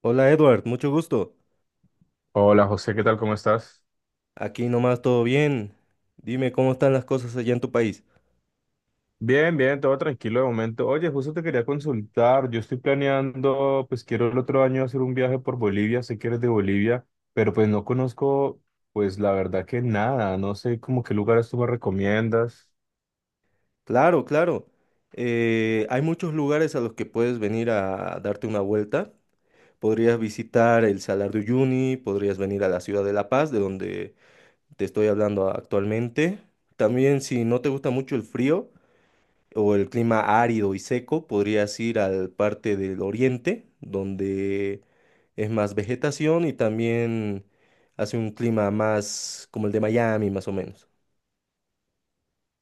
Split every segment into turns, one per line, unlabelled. Hola Edward, mucho gusto.
Hola José, ¿qué tal? ¿Cómo estás?
Aquí nomás todo bien. Dime cómo están las cosas allá en tu país.
Bien, bien, todo tranquilo de momento. Oye, justo te quería consultar. Yo estoy planeando, pues quiero el otro año hacer un viaje por Bolivia. Sé que eres de Bolivia, pero pues no conozco, pues la verdad que nada. No sé como qué lugares tú me recomiendas.
Claro, claro. Hay muchos lugares a los que puedes venir a darte una vuelta. Podrías visitar el Salar de Uyuni, podrías venir a la ciudad de La Paz, de donde te estoy hablando actualmente. También si no te gusta mucho el frío, o el clima árido y seco, podrías ir al parte del oriente, donde es más vegetación y también hace un clima más como el de Miami, más o menos.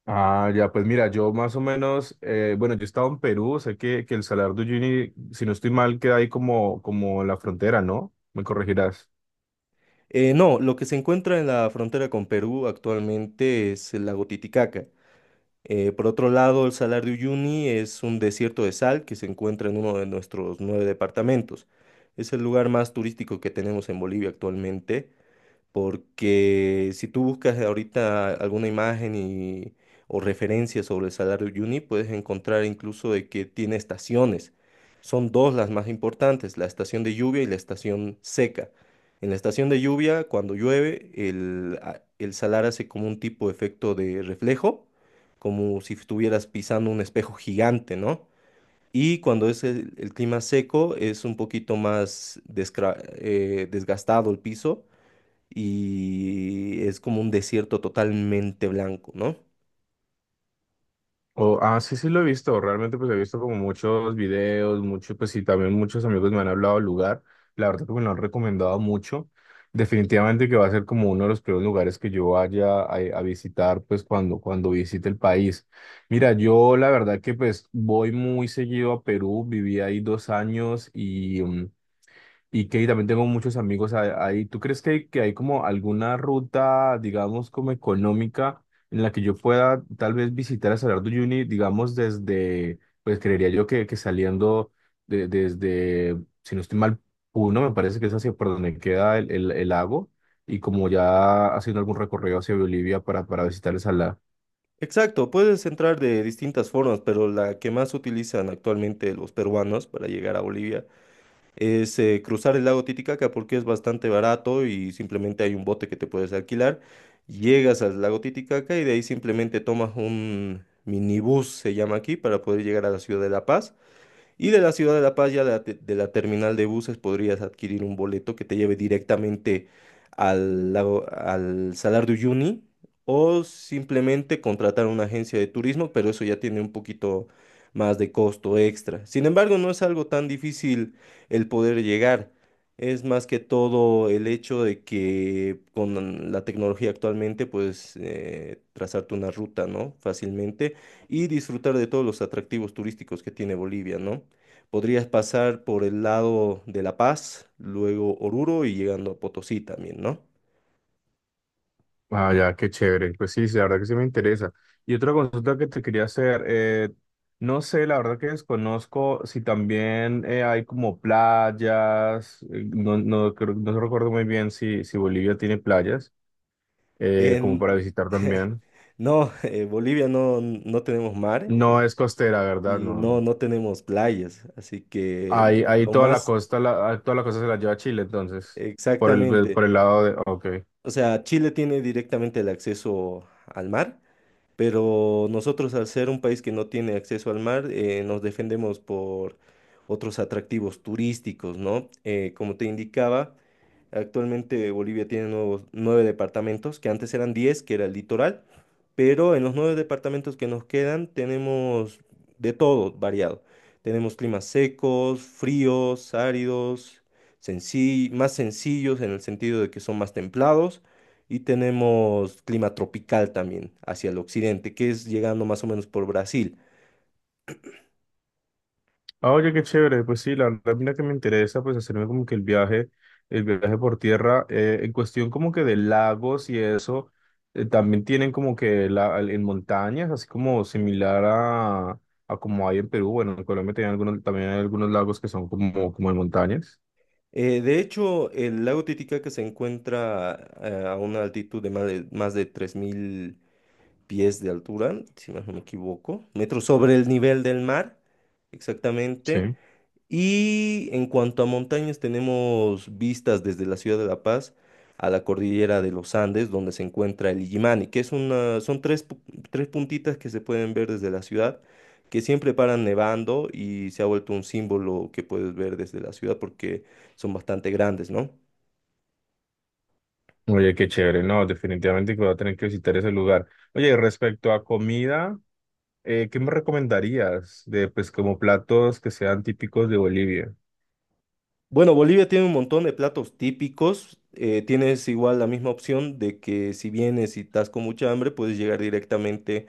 Ah, ya, pues mira, yo más o menos, bueno, yo he estado en Perú. Sé que el Salar de Uyuni, si no estoy mal, queda ahí como, como en la frontera, ¿no? Me corregirás.
No, lo que se encuentra en la frontera con Perú actualmente es el lago Titicaca. Por otro lado, el Salar de Uyuni es un desierto de sal que se encuentra en uno de nuestros nueve departamentos. Es el lugar más turístico que tenemos en Bolivia actualmente. Porque si tú buscas ahorita alguna imagen y, o referencia sobre el salario Yuni, puedes encontrar incluso de que tiene estaciones. Son dos las más importantes, la estación de lluvia y la estación seca. En la estación de lluvia, cuando llueve, el salar hace como un tipo de efecto de reflejo, como si estuvieras pisando un espejo gigante, ¿no? Y cuando es el clima seco, es un poquito más desgastado el piso y es como un desierto totalmente blanco, ¿no?
Sí, sí lo he visto, realmente pues he visto como muchos videos, muchos, pues sí, también muchos amigos me han hablado del lugar, la verdad que me lo han recomendado mucho, definitivamente que va a ser como uno de los primeros lugares que yo vaya a visitar pues cuando visite el país. Mira, yo la verdad que pues voy muy seguido a Perú, viví ahí dos años y y que también tengo muchos amigos ahí. ¿Tú crees que hay como alguna ruta, digamos, como económica en la que yo pueda tal vez visitar a Salar de Uyuni, digamos, desde, pues creería yo que saliendo desde, si no estoy mal, Puno, me parece que es hacia por donde queda el lago, y como ya haciendo algún recorrido hacia Bolivia para visitar el salar.
Exacto, puedes entrar de distintas formas, pero la que más utilizan actualmente los peruanos para llegar a Bolivia es cruzar el lago Titicaca porque es bastante barato y simplemente hay un bote que te puedes alquilar. Llegas al lago Titicaca y de ahí simplemente tomas un minibús, se llama aquí, para poder llegar a la ciudad de La Paz. Y de la ciudad de La Paz, ya de la terminal de buses, podrías adquirir un boleto que te lleve directamente al Salar de Uyuni, o simplemente contratar una agencia de turismo, pero eso ya tiene un poquito más de costo extra. Sin embargo, no es algo tan difícil el poder llegar. Es más que todo el hecho de que con la tecnología actualmente puedes trazarte una ruta, ¿no? Fácilmente y disfrutar de todos los atractivos turísticos que tiene Bolivia, ¿no? Podrías pasar por el lado de La Paz, luego Oruro y llegando a Potosí también, ¿no?
Ah, ya, qué chévere. Pues sí, sí, la verdad que sí me interesa. Y otra consulta que te quería hacer, no sé, la verdad que desconozco si también hay como playas, no, no, no recuerdo muy bien si, si Bolivia tiene playas, como para
En,
visitar también.
no, Bolivia no, no tenemos mar
No es costera, ¿verdad?
y no,
No.
no tenemos playas, así que
Ahí, ahí
lo
toda la
más
costa, toda la costa se la lleva a Chile, entonces,
exactamente,
por el lado de... Ok.
o sea, Chile tiene directamente el acceso al mar, pero nosotros al ser un país que no tiene acceso al mar, nos defendemos por otros atractivos turísticos, ¿no? Como te indicaba, actualmente Bolivia tiene nueve departamentos, que antes eran 10, que era el litoral, pero en los nueve departamentos que nos quedan tenemos de todo variado. Tenemos climas secos, fríos, áridos, más sencillos en el sentido de que son más templados. Y tenemos clima tropical también hacia el occidente, que es llegando más o menos por Brasil.
Ah, oye, qué chévere. Pues sí, la verdad, mira que me interesa, pues hacerme como que el viaje por tierra, en cuestión como que de lagos y eso, también tienen como que la, en montañas, así como similar a como hay en Perú. Bueno, en Colombia tienen algunos, también hay algunos lagos que son como, como en montañas.
De hecho, el lago Titicaca se encuentra a una altitud de más de 3.000 pies de altura, si más no me equivoco, metros sobre el nivel del mar, exactamente.
Sí.
Y en cuanto a montañas, tenemos vistas desde la ciudad de La Paz a la cordillera de los Andes, donde se encuentra el Illimani, que son tres, tres puntitas que se pueden ver desde la ciudad, que siempre paran nevando y se ha vuelto un símbolo que puedes ver desde la ciudad porque son bastante grandes, ¿no?
Oye, qué chévere, no, definitivamente que voy a tener que visitar ese lugar. Oye, respecto a comida, ¿qué me recomendarías de, pues, como platos que sean típicos de Bolivia?
Bueno, Bolivia tiene un montón de platos típicos. Tienes igual la misma opción de que si vienes y estás con mucha hambre, puedes llegar directamente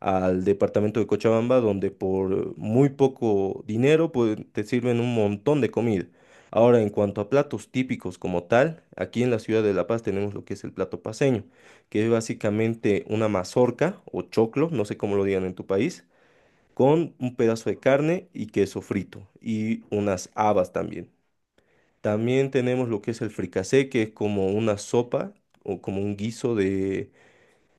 al departamento de Cochabamba, donde por muy poco dinero pues, te sirven un montón de comida. Ahora, en cuanto a platos típicos como tal, aquí en la ciudad de La Paz tenemos lo que es el plato paceño, que es básicamente una mazorca o choclo, no sé cómo lo digan en tu país, con un pedazo de carne y queso frito y unas habas también. También tenemos lo que es el fricasé, que es como una sopa o como un guiso de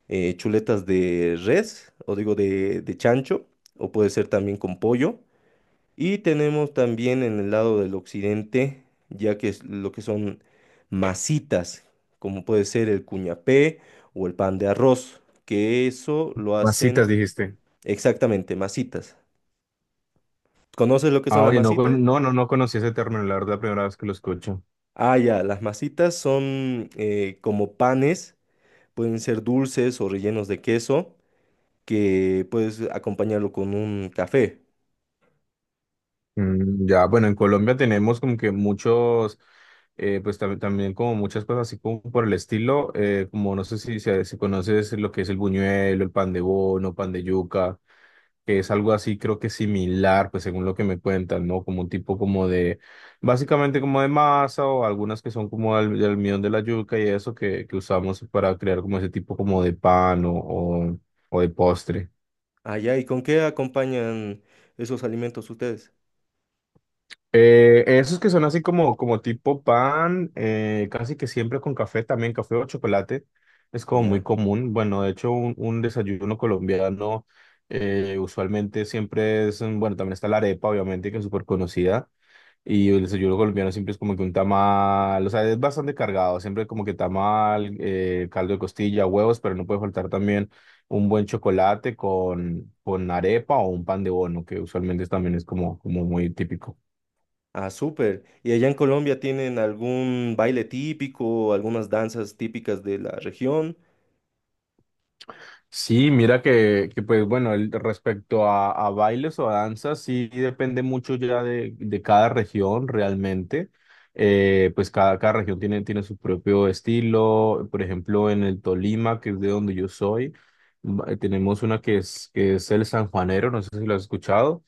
chuletas de res, o digo de, chancho, o puede ser también con pollo. Y tenemos también en el lado del occidente, ya que es lo que son masitas, como puede ser el cuñapé o el pan de arroz, que eso lo
Masitas,
hacen
dijiste.
exactamente, masitas. ¿Conoces lo que son
Ah,
las
oye, no,
masitas?
no, no, no conocí ese término, la verdad, la primera vez que lo escucho.
Ah, ya, las masitas son como panes, pueden ser dulces o rellenos de queso, que puedes acompañarlo con un café.
Ya, bueno, en Colombia tenemos como que muchos, pues también como muchas cosas así como por el estilo, como no sé si, si, si conoces lo que es el buñuelo, el pan de bono, pan de yuca, que es algo así creo que similar, pues según lo que me cuentan, ¿no? Como un tipo como de, básicamente como de masa o algunas que son como del almidón de la yuca y eso que usamos para crear como ese tipo como de pan o de postre.
Ah, ya, ¿y con qué acompañan esos alimentos ustedes?
Esos que son así como, como tipo pan, casi que siempre con café, también café o chocolate, es como muy
Ya.
común. Bueno, de hecho, un desayuno colombiano usualmente siempre es, bueno, también está la arepa, obviamente, que es súper conocida. Y el desayuno colombiano siempre es como que un tamal, o sea, es bastante cargado, siempre como que tamal, caldo de costilla, huevos, pero no puede faltar también un buen chocolate con arepa o un pan de bono, que usualmente también es como, como muy típico.
Ah, súper. ¿Y allá en Colombia tienen algún baile típico, algunas danzas típicas de la región?
Sí, mira que pues bueno, respecto a bailes o a danzas, sí depende mucho ya de cada región realmente. Pues cada, cada región tiene, tiene su propio estilo. Por ejemplo, en el Tolima, que es de donde yo soy, tenemos una que es el sanjuanero, no sé si lo has escuchado.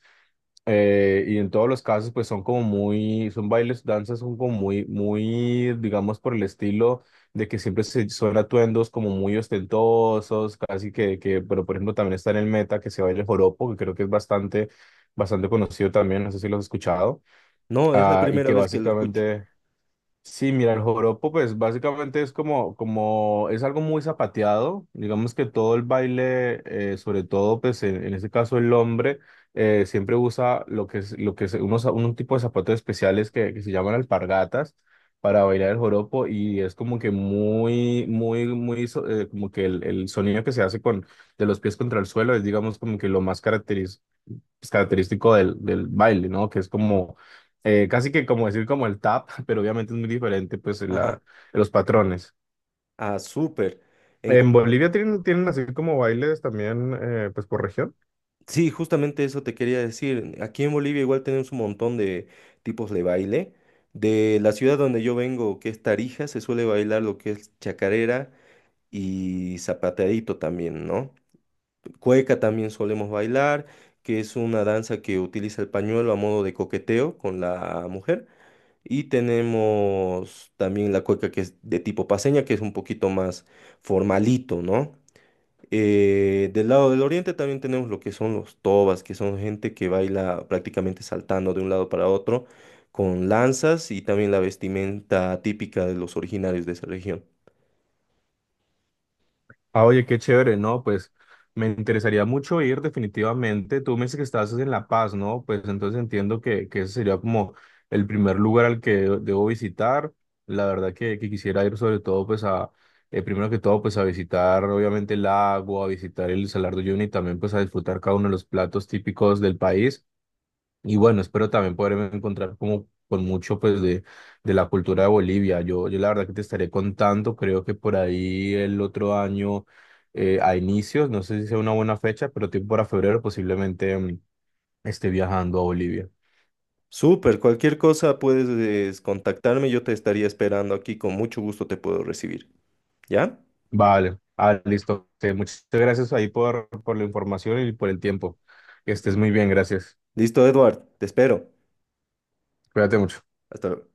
Y en todos los casos, pues son como muy, son bailes, danzas, son como muy, muy, digamos, por el estilo de que siempre se, son atuendos como muy ostentosos, casi que, pero por ejemplo también está en el Meta que se baila el joropo, que creo que es bastante, bastante conocido también, no sé si lo has escuchado,
No, es la
ah, y
primera
que
vez que lo escucho.
básicamente sí, mira, el joropo pues básicamente es como, como es algo muy zapateado, digamos que todo el baile, sobre todo pues en este caso el hombre, siempre usa lo que es unos, un tipo de zapatos especiales que se llaman alpargatas para bailar el joropo y es como que muy, muy, muy, como que el sonido que se hace con, de los pies contra el suelo es digamos como que lo más característico pues, característico del, del baile, ¿no? Que es como, casi que como decir como el tap, pero obviamente es muy diferente, pues,
Ajá.
la, los patrones.
Ah, súper. En Col-
¿En Bolivia tienen, tienen así como bailes también, pues, por región?
Sí, justamente eso te quería decir. Aquí en Bolivia igual tenemos un montón de tipos de baile. De la ciudad donde yo vengo, que es Tarija, se suele bailar lo que es chacarera y zapateadito también, ¿no? Cueca también solemos bailar, que es una danza que utiliza el pañuelo a modo de coqueteo con la mujer. Y tenemos también la cueca que es de tipo paseña, que es un poquito más formalito, ¿no? Del lado del oriente también tenemos lo que son los tobas, que son gente que baila prácticamente saltando de un lado para otro con lanzas y también la vestimenta típica de los originarios de esa región.
Ah, oye, qué chévere, ¿no? Pues me interesaría mucho ir definitivamente. Tú me dices que estás en La Paz, ¿no? Pues entonces entiendo que ese sería como el primer lugar al que debo visitar. La verdad que quisiera ir sobre todo, pues a, primero que todo, pues a visitar obviamente el lago, a visitar el Salar de Uyuni y también pues a disfrutar cada uno de los platos típicos del país. Y bueno, espero también poderme encontrar como con mucho pues de la cultura de Bolivia. Yo la verdad que te estaré contando, creo que por ahí el otro año a inicios, no sé si sea una buena fecha, pero tipo para febrero posiblemente esté viajando a Bolivia.
Súper, cualquier cosa puedes contactarme, yo te estaría esperando aquí, con mucho gusto te puedo recibir. ¿Ya?
Vale, ah, listo. Sí, muchas gracias ahí por la información y por el tiempo. Que estés muy bien, gracias.
Listo, Edward, te espero.
Cuídate mucho.
Hasta luego.